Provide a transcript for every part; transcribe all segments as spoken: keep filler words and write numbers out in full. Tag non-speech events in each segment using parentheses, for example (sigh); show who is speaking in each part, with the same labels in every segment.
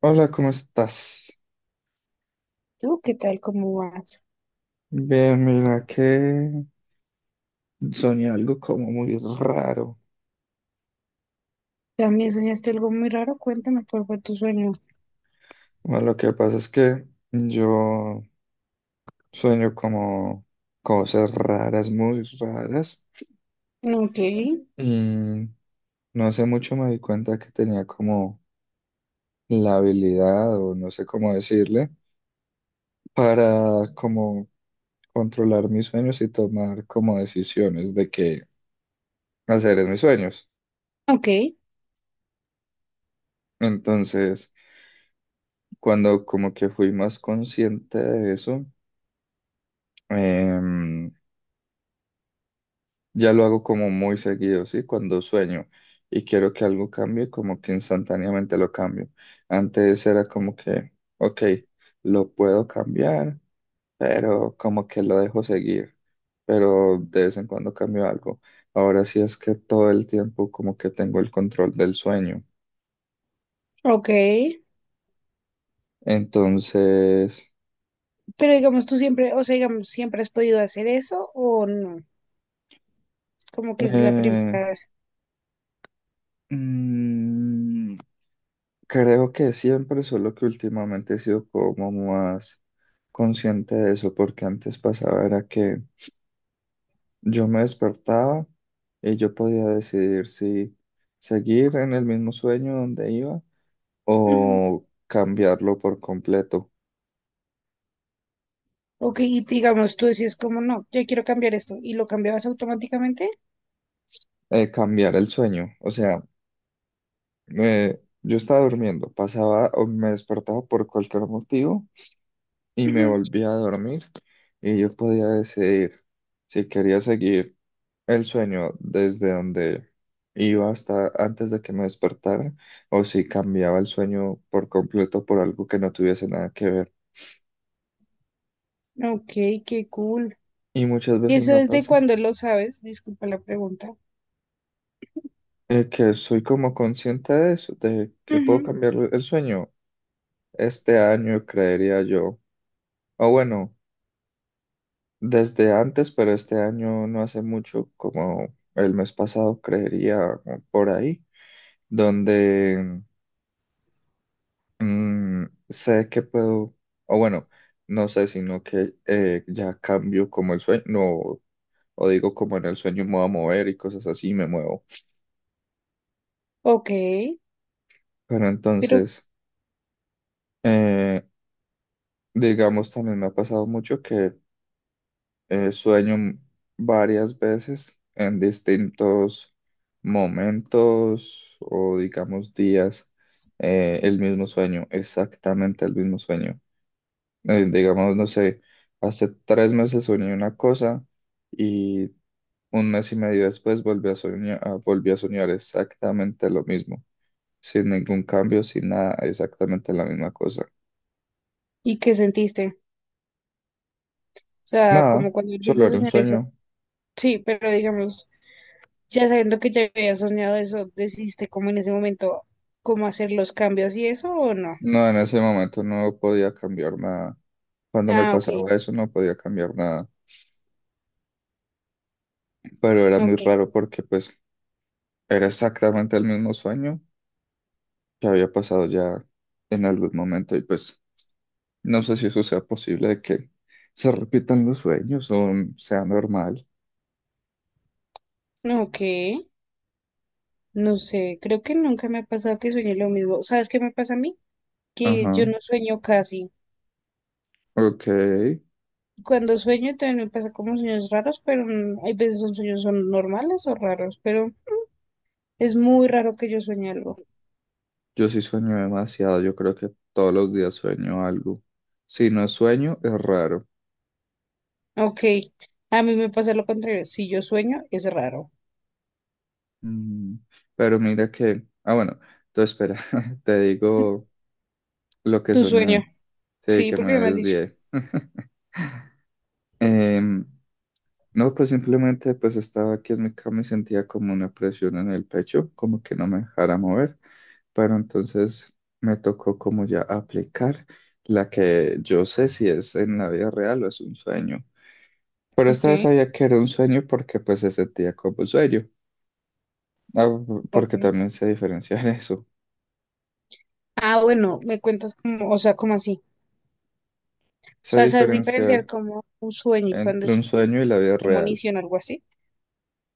Speaker 1: Hola, ¿cómo estás?
Speaker 2: ¿Tú qué tal? ¿Cómo vas?
Speaker 1: Bien, mira que soñé algo como muy raro.
Speaker 2: ¿También soñaste algo muy raro? Cuéntame cuál fue tu sueño.
Speaker 1: Bueno, lo que pasa es que yo sueño como cosas raras, muy raras.
Speaker 2: Ok,
Speaker 1: Y no hace mucho me di cuenta que tenía como la habilidad, o no sé cómo decirle, para como controlar mis sueños y tomar como decisiones de qué hacer en mis sueños.
Speaker 2: ok,
Speaker 1: Entonces, cuando como que fui más consciente de eso, em, ya lo hago como muy seguido, ¿sí? Cuando sueño y quiero que algo cambie, como que instantáneamente lo cambio. Antes era como que, ok, lo puedo cambiar, pero como que lo dejo seguir, pero de vez en cuando cambio algo. Ahora sí es que todo el tiempo como que tengo el control del sueño.
Speaker 2: ok.
Speaker 1: Entonces,
Speaker 2: Pero digamos, tú siempre, o sea, digamos, ¿siempre has podido hacer eso o no? Como que es la primera
Speaker 1: eh,
Speaker 2: vez.
Speaker 1: mm, creo que siempre, solo que últimamente he sido como más consciente de eso, porque antes pasaba era que yo me despertaba y yo podía decidir si seguir en el mismo sueño donde iba
Speaker 2: Ujú.
Speaker 1: o cambiarlo por completo,
Speaker 2: Ok, y digamos, tú decías como no, yo quiero cambiar esto y lo cambiabas automáticamente.
Speaker 1: eh, cambiar el sueño. O sea, eh, yo estaba durmiendo, pasaba o me despertaba por cualquier motivo y me volvía a dormir y yo podía decidir si quería seguir el sueño desde donde iba hasta antes de que me despertara, o si cambiaba el sueño por completo por algo que no tuviese nada que ver.
Speaker 2: Ujú. Ok, qué cool.
Speaker 1: Y muchas
Speaker 2: ¿Y
Speaker 1: veces
Speaker 2: eso
Speaker 1: me
Speaker 2: desde
Speaker 1: pasa
Speaker 2: cuándo lo sabes? Disculpa la pregunta.
Speaker 1: eh, que soy como consciente de eso, de que puedo
Speaker 2: Ujú.
Speaker 1: cambiar el sueño este año, creería yo. O bueno, desde antes, pero este año no hace mucho, como el mes pasado, creería o por ahí, donde Mm, sé que puedo, o bueno, no sé, sino que eh, ya cambio como el sueño, no, o digo como en el sueño me voy a mover y cosas así, me muevo.
Speaker 2: Ok,
Speaker 1: Pero
Speaker 2: pero
Speaker 1: entonces, eh, digamos, también me ha pasado mucho que eh, sueño m- varias veces en distintos momentos o digamos días, eh, el mismo sueño, exactamente el mismo sueño. eh, digamos, no sé, hace tres meses soñé una cosa y un mes y medio después volví a soñar, ah, volví a soñar exactamente lo mismo, sin ningún cambio, sin nada, exactamente la misma cosa.
Speaker 2: ¿y qué sentiste? O sea,
Speaker 1: Nada,
Speaker 2: como cuando volviste
Speaker 1: solo
Speaker 2: a
Speaker 1: era un
Speaker 2: soñar eso.
Speaker 1: sueño.
Speaker 2: Sí, pero digamos. Ya sabiendo que ya había soñado eso, ¿decidiste como en ese momento cómo hacer los cambios y eso o no?
Speaker 1: No, en ese momento no podía cambiar nada. Cuando me
Speaker 2: Ah, ok,
Speaker 1: pasaba eso no podía cambiar nada, pero era muy raro
Speaker 2: ok,
Speaker 1: porque pues era exactamente el mismo sueño que había pasado ya en algún momento y pues no sé si eso sea posible de que se repitan los sueños o sea normal.
Speaker 2: ok, no sé, creo que nunca me ha pasado que sueñe lo mismo. ¿Sabes qué me pasa a mí? Que yo
Speaker 1: Ajá,
Speaker 2: no sueño casi.
Speaker 1: ok.
Speaker 2: Cuando sueño también me pasa como sueños raros, pero mm, hay veces son sueños son normales o raros, pero es muy raro que yo sueñe algo.
Speaker 1: Yo sí sueño demasiado. Yo creo que todos los días sueño algo. Si no sueño, es raro.
Speaker 2: Ok, a mí me pasa lo contrario, si yo sueño es raro.
Speaker 1: Mm, Pero mira que... Ah, bueno. Entonces, espera, (laughs) te digo lo que
Speaker 2: Tu sueño,
Speaker 1: soñé. Sí,
Speaker 2: sí,
Speaker 1: que me
Speaker 2: porque no me has dicho.
Speaker 1: desvié. Em, No, pues simplemente pues estaba aquí en mi cama y sentía como una presión en el pecho, como que no me dejara mover, pero entonces me tocó como ya aplicar la que yo sé si es en la vida real o es un sueño. Pero esta
Speaker 2: Ok,
Speaker 1: vez sabía que era un sueño porque pues se sentía como un sueño, ah,
Speaker 2: ok.
Speaker 1: porque también sé diferenciar (laughs) eso,
Speaker 2: Ah, bueno, me cuentas como, o sea, como así. O
Speaker 1: sé
Speaker 2: sea, sabes diferenciar
Speaker 1: diferenciar
Speaker 2: como un sueño y cuando
Speaker 1: entre
Speaker 2: es
Speaker 1: un sueño y la vida real,
Speaker 2: premonición o algo así.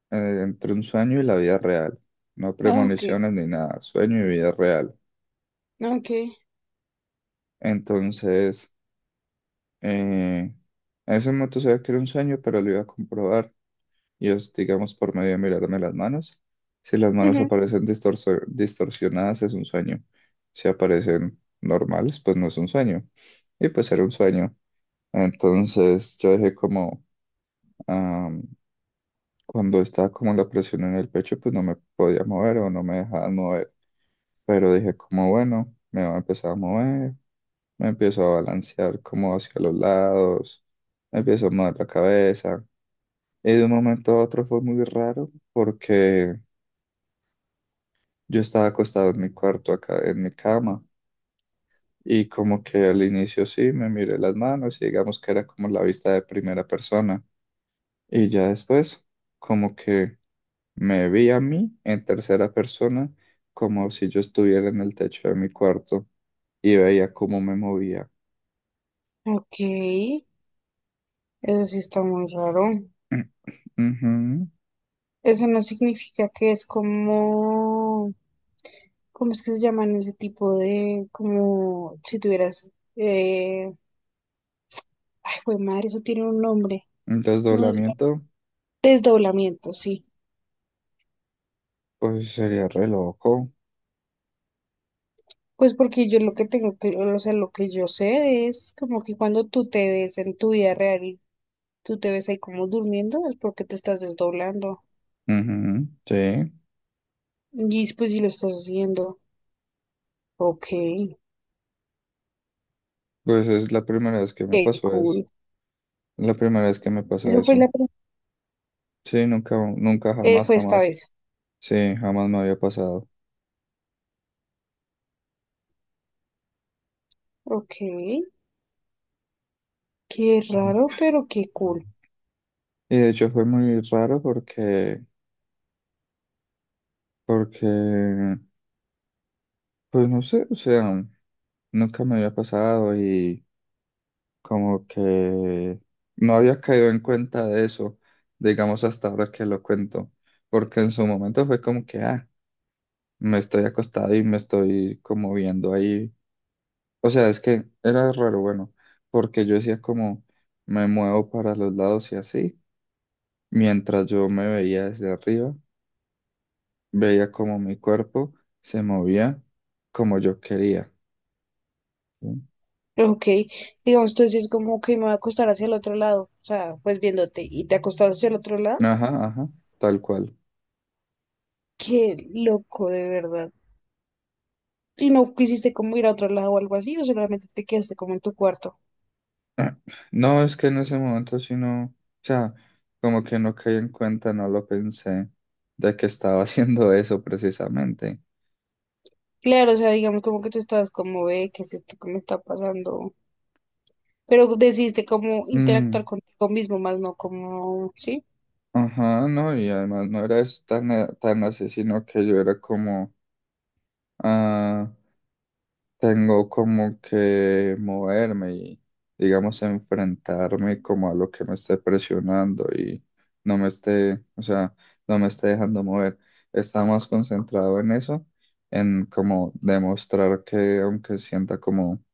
Speaker 1: eh, entre un sueño y la vida real, no
Speaker 2: Ah, ok,
Speaker 1: premoniciones ni nada, sueño y vida real.
Speaker 2: ok.
Speaker 1: Entonces... Eh, en ese momento sabía que era un sueño, pero lo iba a comprobar. Y es, digamos, por medio de mirarme las manos. Si las manos
Speaker 2: Ujú.
Speaker 1: aparecen distorso- distorsionadas, es un sueño. Si aparecen normales, pues no es un sueño. Y pues era un sueño. Entonces yo dije como, cuando estaba como la presión en el pecho, pues no me podía mover o no me dejaban mover. Pero dije como, bueno, me voy a empezar a mover, me empiezo a balancear como hacia los lados, me empiezo a mover la cabeza. Y de un momento a otro fue muy raro porque yo estaba acostado en mi cuarto acá, en mi cama. Y como que al inicio sí, me miré las manos y digamos que era como la vista de primera persona. Y ya después, como que... Me vi a mí en tercera persona como si yo estuviera en el techo de mi cuarto y veía cómo me movía.
Speaker 2: Ok, eso sí está muy raro.
Speaker 1: (clears throat) Ujú.
Speaker 2: Eso no significa que es como, ¿cómo es que se llaman ese tipo de, como si tuvieras, eh, ay, güey, madre, eso tiene un nombre.
Speaker 1: El
Speaker 2: No es
Speaker 1: desdoblamiento,
Speaker 2: desdoblamiento, sí.
Speaker 1: pues sería re loco.
Speaker 2: Pues porque yo lo que tengo que, o sea, lo que yo sé de eso es como que cuando tú te ves en tu vida real tú te ves ahí como durmiendo, es porque te estás desdoblando.
Speaker 1: Ujú, sí,
Speaker 2: Y pues si lo estás haciendo. Ok,
Speaker 1: pues es la primera vez que me
Speaker 2: qué
Speaker 1: pasó eso.
Speaker 2: cool.
Speaker 1: La primera vez que me pasa
Speaker 2: Eso fue
Speaker 1: eso.
Speaker 2: la prim-
Speaker 1: Sí, nunca, nunca,
Speaker 2: eh,
Speaker 1: jamás,
Speaker 2: fue esta
Speaker 1: jamás.
Speaker 2: vez.
Speaker 1: Sí, jamás me había pasado.
Speaker 2: Ok, qué raro, pero qué
Speaker 1: Ujú.
Speaker 2: cool.
Speaker 1: Y de hecho fue muy raro porque, porque, pues no sé, o sea, nunca me había pasado y como que no había caído en cuenta de eso, digamos hasta ahora que lo cuento, porque en su momento fue como que, ah, me estoy acostado y me estoy como viendo ahí. O sea, es que era raro, bueno, porque yo decía como me muevo para los lados y así, mientras yo me veía desde arriba, veía como mi cuerpo se movía como yo quería. ¿Sí?
Speaker 2: Ok, digamos, tú es como que me voy a acostar hacia el otro lado. O sea, pues viéndote y te acostaste hacia el otro lado.
Speaker 1: Ajá, ajá, tal cual.
Speaker 2: Qué loco, de verdad. Y no quisiste como ir a otro lado o algo así, o solamente te quedaste como en tu cuarto.
Speaker 1: (clears throat) Ah, no, es que en ese momento sí no, o sea, como que no caí en cuenta, no lo pensé de que estaba (laughs) haciendo eso precisamente.
Speaker 2: Claro, o sea, digamos como que tú estabas como, ve, ¿qué es esto que me está pasando? Pero decidiste como
Speaker 1: Mm,
Speaker 2: interactuar contigo mismo, más no como, ¿sí?
Speaker 1: ajá, no, y además no era es- tan, eh, tan así, sino que yo era como, ah, tengo como que moverme y, digamos, enfrentarme como a lo que me esté presionando y no me esté, o sea, no me esté dejando mover. Está más concentrado en eso, en como demostrar que aunque sienta como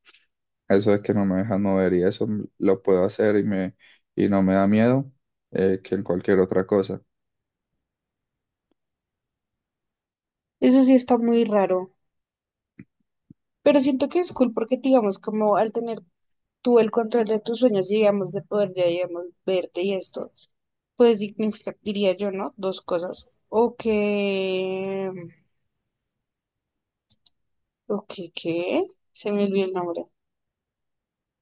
Speaker 1: eso de que no me dejan mover y eso lo puedo hacer y me y no me da miedo eh, que en cualquier otra cosa.
Speaker 2: Eso sí está muy raro, pero siento que es cool porque, digamos, como al tener tú el control de tus sueños, y, digamos, de poder, ya, digamos, verte y esto, pues significa, diría yo, ¿no? Dos cosas. O que, o que, ¿qué? Se me olvidó el nombre.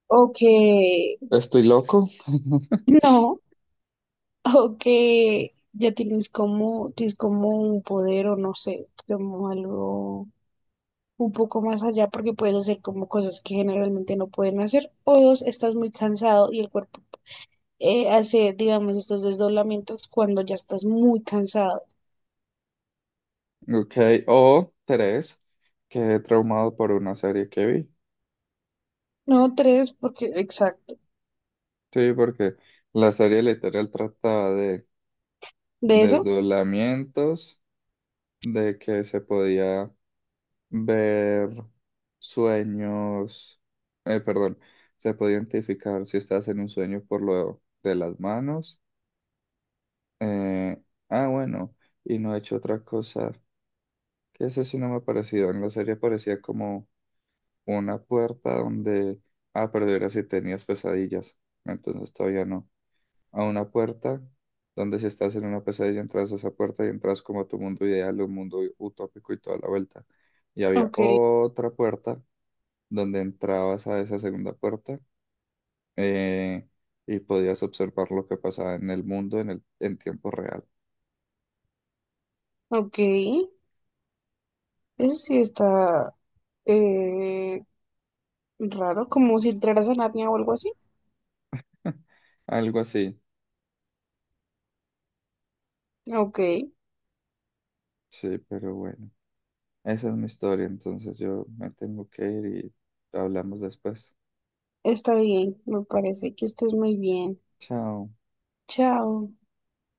Speaker 2: O que,
Speaker 1: Estoy loco. (laughs)
Speaker 2: (clears throat) no, o que ya tienes como, tienes como un poder o no sé, como algo un poco más allá porque puedes hacer como cosas que generalmente no pueden hacer. O dos, estás muy cansado y el cuerpo eh, hace, digamos, estos desdoblamientos cuando ya estás muy cansado.
Speaker 1: Ok, o tres, quedé traumado por una serie que vi.
Speaker 2: No, tres, porque, exacto.
Speaker 1: Sí, porque la serie literal trataba de
Speaker 2: ¿De eso?
Speaker 1: desdoblamientos, de que se podía ver sueños, eh, perdón, se podía identificar si estás en un sueño por lo de las manos. eh, ah, bueno, y no he hecho otra cosa, que eso sí no me ha parecido. En la serie parecía como una puerta donde, ah, pero era si tenías pesadillas, entonces todavía no. A una puerta donde si estás en una pesadilla entras a esa puerta y entras como a tu mundo ideal, un mundo utópico y toda la vuelta. Y había
Speaker 2: Ok,
Speaker 1: otra puerta donde entrabas a esa segunda puerta eh, y podías observar lo que pasaba en el mundo en el, en tiempo real.
Speaker 2: ok. Eso sí está eh, raro, como si entraras a Narnia o algo así.
Speaker 1: (laughs) Algo así.
Speaker 2: Ok,
Speaker 1: Sí, pero bueno, esa es mi historia, entonces yo me tengo que ir y hablamos después.
Speaker 2: está bien, me parece que estés muy bien.
Speaker 1: Chao.
Speaker 2: Chao.